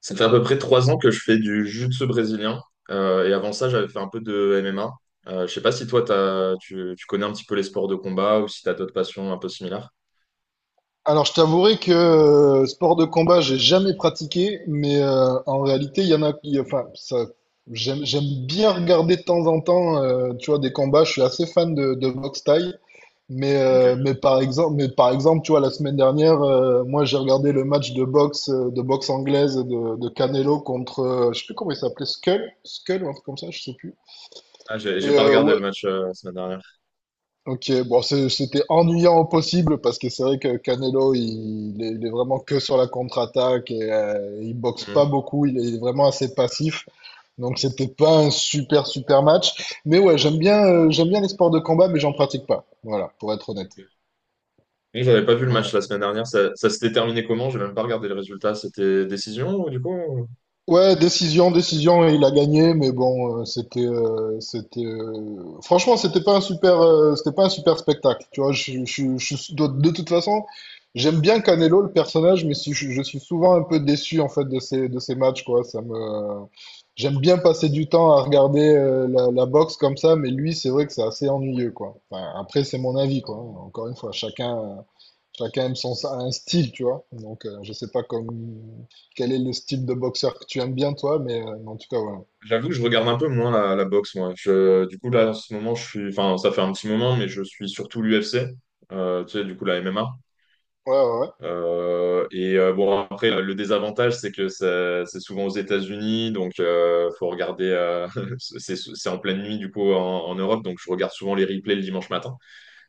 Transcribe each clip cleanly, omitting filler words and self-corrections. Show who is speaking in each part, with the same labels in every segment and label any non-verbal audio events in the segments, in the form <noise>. Speaker 1: Ça fait à peu près 3 ans que je fais du jiu-jitsu brésilien. Et avant ça, j'avais fait un peu de MMA. Je sais pas si toi, tu connais un petit peu les sports de combat ou si tu as d'autres passions un peu similaires.
Speaker 2: Alors, je t'avouerai que sport de combat, j'ai jamais pratiqué, mais en réalité, il y en a qui, enfin, ça, j'aime bien regarder de temps en temps, tu vois, des combats. Je suis assez fan de boxe thaï, mais, euh, mais
Speaker 1: Ok.
Speaker 2: par exemple, mais par exemple, tu vois, la semaine dernière, moi, j'ai regardé le match de boxe anglaise de Canelo contre, je sais plus comment il s'appelait, Skull ou un truc comme ça, je sais plus.
Speaker 1: Ah, j'ai pas regardé
Speaker 2: Ouais,
Speaker 1: le match la semaine dernière.
Speaker 2: ok, bon, c'était ennuyant au possible parce que c'est vrai que Canelo, il est vraiment que sur la contre-attaque et il boxe pas
Speaker 1: Mhm.
Speaker 2: beaucoup, il est vraiment assez passif. Donc c'était pas un super super match. Mais ouais, j'aime bien les sports de combat, mais j'en pratique pas. Voilà, pour être honnête.
Speaker 1: Ok. Oui, j'avais pas vu le match
Speaker 2: Ouais.
Speaker 1: la semaine dernière. Ça s'était terminé comment? J'ai même pas regardé le résultat. C'était décision, du coup?
Speaker 2: Ouais, décision, décision, il a gagné, mais bon, franchement, c'était pas un super spectacle. Tu vois, de toute façon, j'aime bien Canelo, le personnage, je suis souvent un peu déçu en fait de ces matchs, quoi. J'aime bien passer du temps à regarder la boxe comme ça, mais lui, c'est vrai que c'est assez ennuyeux, quoi. Enfin, après, c'est mon avis, quoi. Encore une fois, chacun. Aime son, un style, tu vois. Donc, je sais pas quel est le style de boxeur que tu aimes bien, toi, mais en tout cas, voilà.
Speaker 1: J'avoue que je regarde un peu moins la boxe, moi. Du coup, là, en ce moment, je suis... Enfin, ça fait un petit moment, mais je suis surtout l'UFC. Tu sais, du coup, la MMA.
Speaker 2: Ouais,
Speaker 1: Et bon, après, le désavantage, c'est que c'est souvent aux États-Unis, donc faut regarder. <laughs> C'est en pleine nuit, du coup, en Europe, donc je regarde souvent les replays le dimanche matin.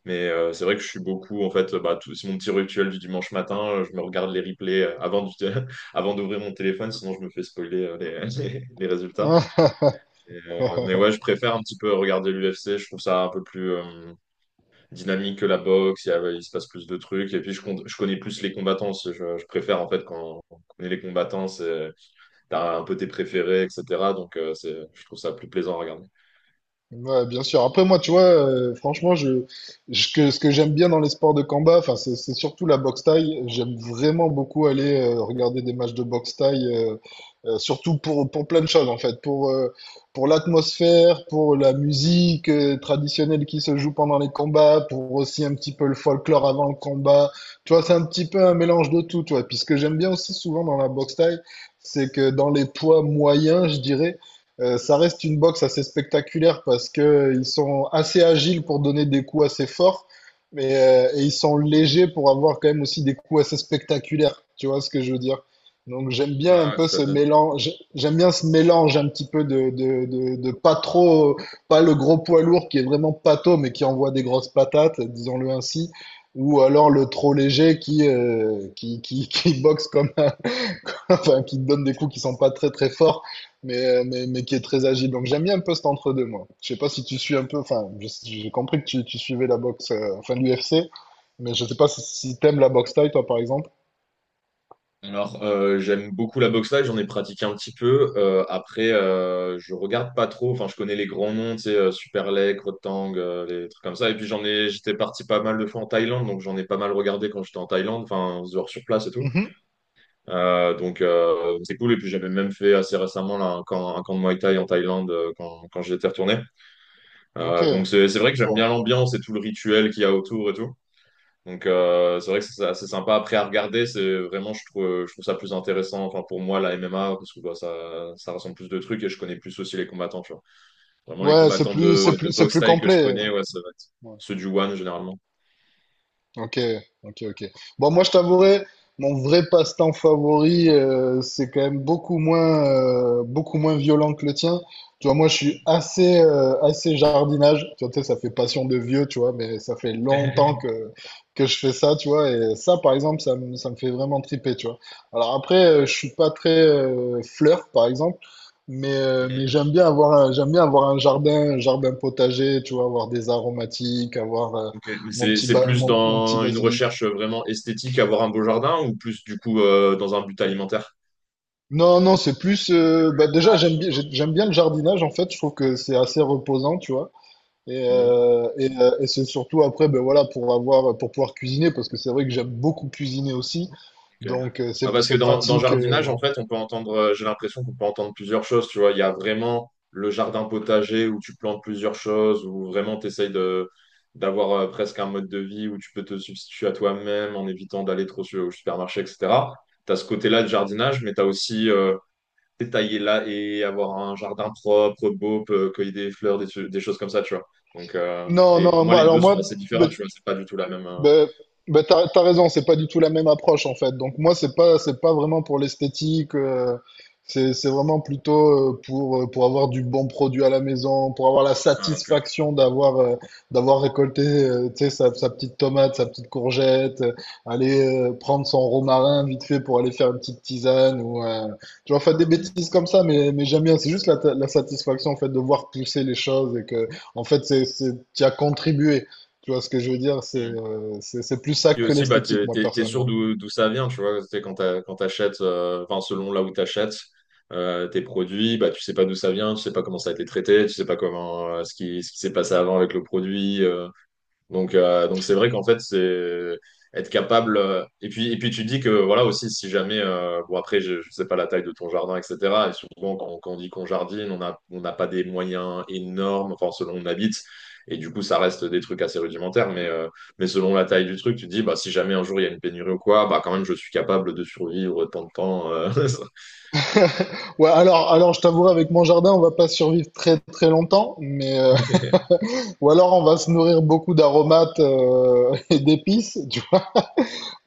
Speaker 1: Mais c'est vrai que je suis beaucoup, en fait, bah, c'est mon petit rituel du dimanche matin. Je me regarde les replays <laughs> avant d'ouvrir mon téléphone, sinon je me fais spoiler <laughs> les résultats.
Speaker 2: ouais, ouais.
Speaker 1: Mais ouais,
Speaker 2: <laughs>
Speaker 1: je préfère un petit peu regarder l'UFC. Je trouve ça un peu plus. Dynamique que la boxe, il se passe plus de trucs. Et puis, je connais plus les combattants aussi. Je préfère, en fait, quand on connaît les combattants, t'as un peu tes préférés, etc. Donc, je trouve ça plus plaisant à regarder.
Speaker 2: Ouais, bien sûr. Après, moi, tu vois, franchement, ce que j'aime bien dans les sports de combat, enfin, c'est surtout la boxe thaï. J'aime vraiment beaucoup aller regarder des matchs de boxe thaï, surtout pour plein de choses, en fait. Pour l'atmosphère, pour la musique traditionnelle qui se joue pendant les combats, pour aussi un petit peu le folklore avant le combat. Tu vois, c'est un petit peu un mélange de tout, tu vois. Puis ce que j'aime bien aussi souvent dans la boxe thaï, c'est que dans les poids moyens, je dirais, ça reste une boxe assez spectaculaire parce que ils sont assez agiles pour donner des coups assez forts, mais et ils sont légers pour avoir quand même aussi des coups assez spectaculaires. Tu vois ce que je veux dire? Donc j'aime bien un
Speaker 1: Ouais,
Speaker 2: peu
Speaker 1: tout à
Speaker 2: ce
Speaker 1: fait.
Speaker 2: mélange, j'aime bien ce mélange un petit peu de pas trop, pas le gros poids lourd qui est vraiment pâteau mais qui envoie des grosses patates, disons-le ainsi, ou alors le trop léger qui boxe comme un, <laughs> enfin, qui te donne des coups qui sont pas très très forts, mais qui est très agile. Donc j'aime bien un peu cet entre-deux, moi. Je sais pas si tu suis un peu, enfin, j'ai compris que tu suivais la boxe, enfin l'UFC, mais je sais pas si t'aimes la boxe thaï, toi, par exemple.
Speaker 1: Alors, j'aime beaucoup la boxe live, j'en ai pratiqué un petit peu. Après, je regarde pas trop. Enfin, je connais les grands noms, tu sais, Superleg, Rotang, les trucs comme ça. Et puis, j'étais parti pas mal de fois en Thaïlande, donc j'en ai pas mal regardé quand j'étais en Thaïlande, enfin, genre sur place et tout.
Speaker 2: Mhm.
Speaker 1: Donc, c'est cool. Et puis, j'avais même fait assez récemment là, un camp de Muay Thai en Thaïlande quand j'étais retourné.
Speaker 2: Ok.
Speaker 1: Donc, c'est vrai que j'aime bien l'ambiance et tout le rituel qu'il y a autour et tout. Donc c'est vrai que c'est assez sympa. Après à regarder, c'est vraiment je trouve ça plus intéressant. Enfin pour moi la MMA parce que bah, ça ressemble plus de trucs et je connais plus aussi les combattants. Tu vois. Vraiment les
Speaker 2: Ouais, c'est
Speaker 1: combattants
Speaker 2: plus, c'est
Speaker 1: de
Speaker 2: plus, c'est
Speaker 1: boxe
Speaker 2: plus
Speaker 1: thaï que je
Speaker 2: complet.
Speaker 1: connais, ouais, ça va être ceux du One généralement.
Speaker 2: Ok, ok, ok. Bon, moi, je t'avouerai, mon vrai passe-temps favori, c'est quand même beaucoup moins violent que le tien. Tu vois, moi, je suis assez jardinage. Tu vois, tu sais, ça fait passion de vieux, tu vois, mais ça fait longtemps
Speaker 1: <laughs>
Speaker 2: que je fais ça, tu vois. Et ça, par exemple, ça me fait vraiment triper, tu vois. Alors après, je suis pas très fleur, par exemple. Mais
Speaker 1: Mhm.
Speaker 2: j'aime bien avoir un jardin, un jardin potager, tu vois, avoir des aromatiques,
Speaker 1: Ok. Mais
Speaker 2: mon
Speaker 1: c'est
Speaker 2: petit,
Speaker 1: c'est
Speaker 2: ba-
Speaker 1: plus
Speaker 2: mon, mon petit
Speaker 1: dans une
Speaker 2: basilic.
Speaker 1: recherche vraiment esthétique, avoir un beau jardin ou plus du coup dans un but alimentaire?
Speaker 2: Non, non, c'est plus. Bah déjà, j'aime bien le jardinage, en fait. Je trouve que c'est assez reposant, tu vois. Et c'est surtout après, ben voilà, pour pouvoir cuisiner, parce que c'est vrai que j'aime beaucoup cuisiner aussi.
Speaker 1: Ok.
Speaker 2: Donc,
Speaker 1: Ah,
Speaker 2: c'est,
Speaker 1: parce que
Speaker 2: c'est
Speaker 1: dans
Speaker 2: pratique.
Speaker 1: jardinage, en fait, on peut entendre, j'ai l'impression qu'on peut entendre plusieurs choses, tu vois. Il y a vraiment le jardin potager où tu plantes plusieurs choses, où vraiment tu essayes d'avoir presque un mode de vie où tu peux te substituer à toi-même en évitant d'aller trop au supermarché, etc. Tu as ce côté-là de jardinage, mais tu as aussi détailler là et avoir un jardin propre, beau, cueillir des fleurs, des choses comme ça, tu vois. Donc,
Speaker 2: Non,
Speaker 1: et pour
Speaker 2: non,
Speaker 1: moi,
Speaker 2: moi,
Speaker 1: les
Speaker 2: alors
Speaker 1: deux
Speaker 2: moi,
Speaker 1: sont assez différents,
Speaker 2: ben,
Speaker 1: tu vois. C'est pas du tout la même.
Speaker 2: ben, ben t'as raison, c'est pas du tout la même approche en fait. Donc moi, c'est pas vraiment pour l'esthétique, c'est vraiment plutôt pour avoir du bon produit à la maison, pour avoir la
Speaker 1: Ah, ok.
Speaker 2: satisfaction d'avoir récolté, tu sais, sa petite tomate, sa petite courgette, aller prendre son romarin vite fait pour aller faire une petite tisane ou, tu vois, faire des
Speaker 1: Hmm.
Speaker 2: bêtises comme ça, mais j'aime bien. C'est juste la satisfaction en fait de voir pousser les choses et que, en fait, t'y as contribué. Tu vois ce que je veux dire? C'est
Speaker 1: Hmm.
Speaker 2: euh, c'est c'est plus ça
Speaker 1: Puis
Speaker 2: que
Speaker 1: aussi, bah,
Speaker 2: l'esthétique, moi,
Speaker 1: t'es sûr
Speaker 2: personnellement.
Speaker 1: d'où ça vient, tu vois. C'est quand t'achètes, enfin, selon là où t'achètes tes produits, bah, tu sais pas d'où ça vient, tu sais pas comment ça a été traité, tu sais pas comment, ce qui s'est passé avant avec le produit. Donc, donc c'est vrai qu'en fait, c'est être capable. Et puis, tu dis que voilà aussi, si jamais, bon après, je sais pas la taille de ton jardin, etc. Et souvent, quand on dit qu'on jardine, on n'a pas des moyens énormes, enfin selon où on habite. Et du coup, ça reste des trucs assez rudimentaires. Mais selon la taille du truc, tu dis, bah si jamais un jour il y a une pénurie ou quoi, bah quand même, je suis capable de survivre tant de temps.
Speaker 2: Ouais, alors je t'avouerai, avec mon jardin, on va pas survivre très très longtemps, mais
Speaker 1: <laughs>
Speaker 2: <laughs> ou alors on va se nourrir beaucoup d'aromates <laughs> et d'épices, tu…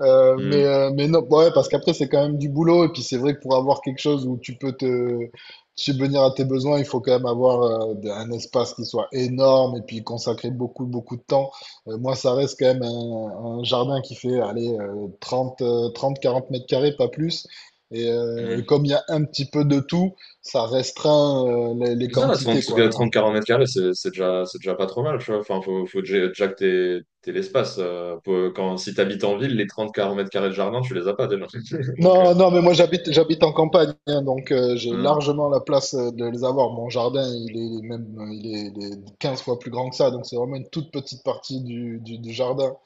Speaker 2: Mais non, bah ouais, parce qu'après, c'est quand même du boulot. Et puis, c'est vrai que pour avoir quelque chose où tu peux te subvenir à tes besoins, il faut quand même avoir un espace qui soit énorme et puis consacrer beaucoup, beaucoup de temps. Moi, ça reste quand même un jardin qui fait, allez, 30 30, 40 mètres carrés, pas plus. Et, euh,
Speaker 1: Hmm.
Speaker 2: et comme il y a un petit peu de tout, ça restreint les
Speaker 1: Mais ça va,
Speaker 2: quantités,
Speaker 1: 30
Speaker 2: quoi.
Speaker 1: mètres carrés, c'est déjà, c'est déjà pas trop mal, tu vois. Enfin, faut déjà que t'aies l'espace. Si t'habites en ville, les 30 40 mètres carrés de jardin, tu les as pas déjà. <laughs> Donc,
Speaker 2: Non, non, mais moi j'habite en campagne, hein, donc j'ai
Speaker 1: euh,
Speaker 2: largement la place de les avoir. Mon jardin, il est même il est 15 fois plus grand que ça, donc c'est vraiment une toute petite partie du jardin.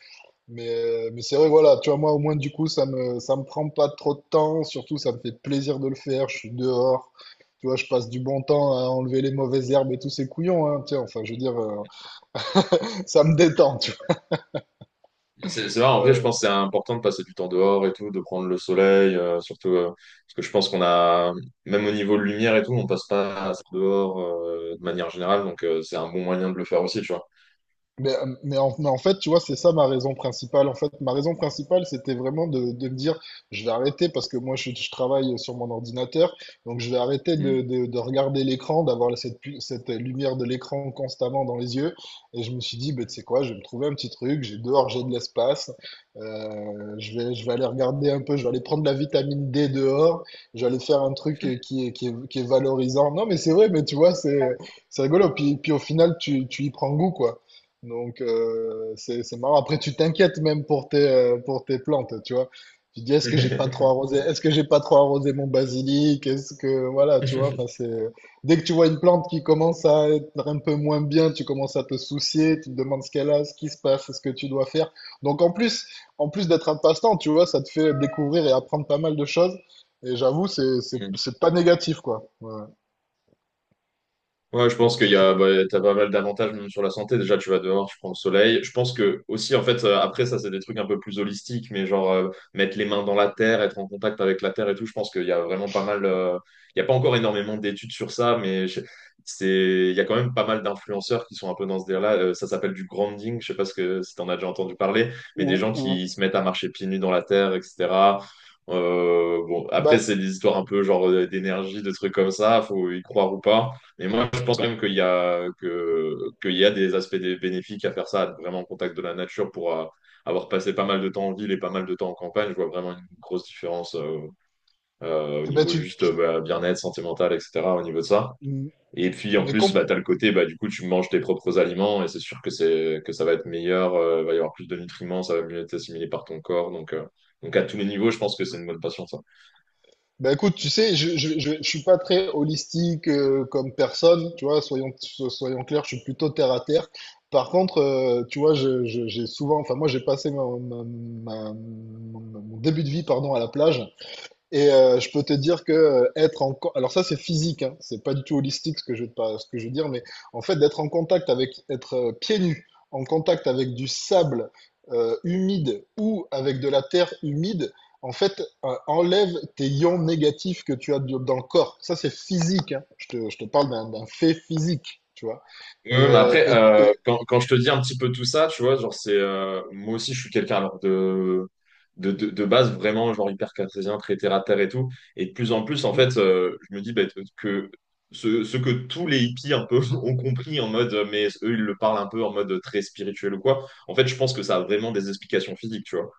Speaker 2: Mais c'est vrai, voilà, tu vois, moi au moins du coup, ça me prend pas trop de temps, surtout ça me fait plaisir de le faire, je suis dehors. Tu vois, je passe du bon temps à enlever les mauvaises herbes et tous ces couillons, hein, tu sais, enfin, je veux dire, <laughs> ça me détend, tu
Speaker 1: c'est vrai, en
Speaker 2: vois.
Speaker 1: vrai,
Speaker 2: Ouais,
Speaker 1: je
Speaker 2: ouais.
Speaker 1: pense que c'est important de passer du temps dehors et tout, de prendre le soleil, surtout parce que je pense qu'on a, même au niveau de lumière et tout, on passe pas assez dehors de manière générale, donc c'est un bon moyen de le faire aussi, tu vois.
Speaker 2: Mais en fait, tu vois, c'est ça ma raison principale. En fait, ma raison principale, c'était vraiment de me dire, je vais arrêter parce que moi, je travaille sur mon ordinateur, donc je vais arrêter de,
Speaker 1: Mm.
Speaker 2: de, de regarder l'écran, d'avoir cette lumière de l'écran constamment dans les yeux. Et je me suis dit, bah, tu sais quoi, je vais me trouver un petit truc, j'ai dehors, j'ai de l'espace, je vais aller regarder un peu, je vais aller prendre la vitamine D dehors, je vais aller faire un truc qui est valorisant. Non, mais c'est vrai, mais tu vois, c'est rigolo. Puis au final, tu y prends goût, quoi. Donc, c'est marrant. Après, tu t'inquiètes même pour tes plantes, tu vois. Tu te dis, est-ce que j'ai pas trop
Speaker 1: <laughs>
Speaker 2: arrosé? Est-ce que j'ai pas trop arrosé mon basilic? Est-ce que, voilà, tu vois, enfin, c'est, dès que tu vois une plante qui commence à être un peu moins bien, tu commences à te soucier, tu te demandes ce qu'elle a, ce qui se passe, ce que tu dois faire. Donc, en plus d'être un passe-temps, tu vois, ça te fait découvrir et apprendre pas mal de choses. Et j'avoue, c'est, c'est,
Speaker 1: Mm.
Speaker 2: c'est pas négatif, quoi. Ouais.
Speaker 1: Ouais, je pense qu'il y a, bah, t'as pas mal d'avantages même sur la santé. Déjà, tu vas dehors, tu prends le soleil. Je pense que aussi, en fait, après, ça, c'est des trucs un peu plus holistiques, mais genre mettre les mains dans la terre, être en contact avec la terre et tout. Je pense qu'il y a vraiment pas mal. Il y a pas encore énormément d'études sur ça, mais il y a quand même pas mal d'influenceurs qui sont un peu dans ce délire-là. Ça s'appelle du grounding. Je sais pas si t'en as déjà entendu parler, mais
Speaker 2: Ou,
Speaker 1: des gens
Speaker 2: ou,
Speaker 1: qui se mettent à marcher pieds nus dans la terre, etc. Bon, après,
Speaker 2: bah,
Speaker 1: c'est des histoires un peu genre d'énergie, de trucs comme ça. Faut y croire ou pas. Mais moi, je pense quand même qu'il y a des aspects bénéfiques à faire ça, à être vraiment en contact de la nature pour avoir passé pas mal de temps en ville et pas mal de temps en campagne. Je vois vraiment une grosse différence au
Speaker 2: bah
Speaker 1: niveau juste bah, bien-être sentimental, etc., au niveau de ça. Et puis, en
Speaker 2: mais
Speaker 1: plus, bah, tu as le côté, bah, du coup, tu manges tes propres aliments et c'est sûr que, que ça va être meilleur, il va y avoir plus de nutriments, ça va mieux être assimilé par ton corps. Donc à tous les niveaux, je pense que c'est une bonne passion, ça.
Speaker 2: ben écoute, tu sais, je suis pas très holistique comme personne, tu vois, soyons clairs, je suis plutôt terre à terre. Par contre, tu vois, j'ai souvent, enfin moi j'ai passé mon début de vie, pardon, à la plage. Et je peux te dire que être alors ça c'est physique, hein, c'est pas du tout holistique ce que je veux pas, ce que je veux dire, mais en fait d'être en contact avec, être pieds nus, en contact avec du sable humide ou avec de la terre humide, en fait enlève tes ions négatifs que tu as dans le corps. Ça c'est physique, hein. Je te parle d'un fait physique, tu vois.
Speaker 1: Ouais,
Speaker 2: Et,
Speaker 1: ouais, mais
Speaker 2: euh,
Speaker 1: après,
Speaker 2: et- et-
Speaker 1: quand je te dis un petit peu tout ça, tu vois, genre, moi aussi, je suis quelqu'un, alors, de base, vraiment, genre, hyper cartésien, très terre à terre et tout. Et de plus en plus, en
Speaker 2: Mhm.
Speaker 1: fait, je me dis bah, que ce que tous les hippies, un peu, <laughs> ont compris en mode, mais eux, ils le parlent un peu en mode très spirituel ou quoi. En fait, je pense que ça a vraiment des explications physiques, tu vois.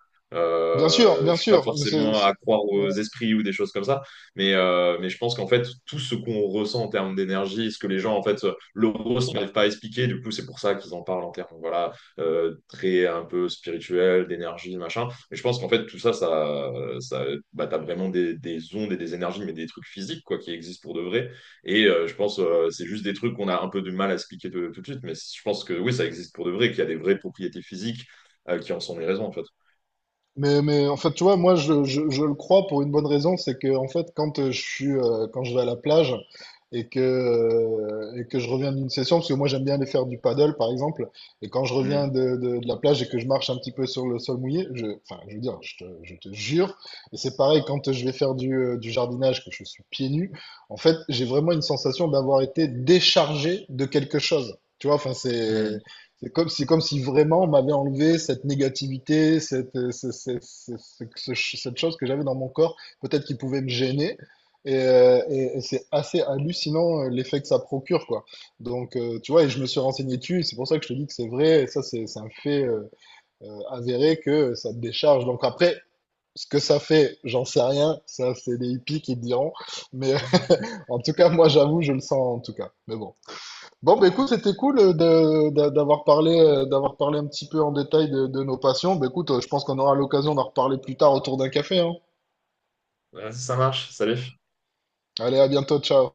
Speaker 2: Bien sûr, bien
Speaker 1: Je suis pas
Speaker 2: sûr, mais
Speaker 1: forcément à croire aux esprits ou des choses comme ça, mais je pense qu'en fait, tout ce qu'on ressent en termes d'énergie, ce que les gens, en fait, l'euro, ça n'arrive pas à expliquer. Du coup, c'est pour ça qu'ils en parlent en termes voilà, très un peu spirituel, d'énergie, machin. Mais je pense qu'en fait, tout ça bah, t'as vraiment ondes et des énergies, mais des trucs physiques quoi, qui existent pour de vrai. Et je pense c'est juste des trucs qu'on a un peu du mal à expliquer tout de suite. Mais je pense que oui, ça existe pour de vrai, qu'il y a des vraies propriétés physiques qui en sont les raisons, en fait.
Speaker 2: Mais en fait, tu vois, moi, je le crois pour une bonne raison, c'est que en fait, quand je vais à la plage et que je reviens d'une session, parce que moi, j'aime bien aller faire du paddle, par exemple, et quand je reviens
Speaker 1: Mm,
Speaker 2: de la plage et que je marche un petit peu sur le sol mouillé, enfin, je veux dire, je te jure, et c'est pareil quand je vais faire du jardinage, que je suis pieds nus, en fait, j'ai vraiment une sensation d'avoir été déchargé de quelque chose. Tu vois, enfin,
Speaker 1: mm.
Speaker 2: c'est comme si, vraiment on m'avait enlevé cette négativité, cette, ce- ce- ce- ce- ce- ce- cette chose que j'avais dans mon corps, peut-être qui pouvait me gêner. Et c'est assez hallucinant l'effet que ça procure, quoi. Donc, tu vois, et je me suis renseigné dessus, c'est pour ça que je te dis que c'est vrai, et ça, c'est un fait avéré que ça te décharge. Donc après, ce que ça fait, j'en sais rien, ça, c'est les hippies qui te diront. Mais
Speaker 1: <laughs>
Speaker 2: <laughs> en tout cas, moi, j'avoue, je le sens en tout cas. Mais bon. Bon, bah, écoute, c'était cool d'avoir parlé un petit peu en détail de nos passions. Bah, écoute, je pense qu'on aura l'occasion d'en reparler plus tard autour d'un café, hein.
Speaker 1: Ouais, ça marche. Salut.
Speaker 2: Allez, à bientôt, ciao.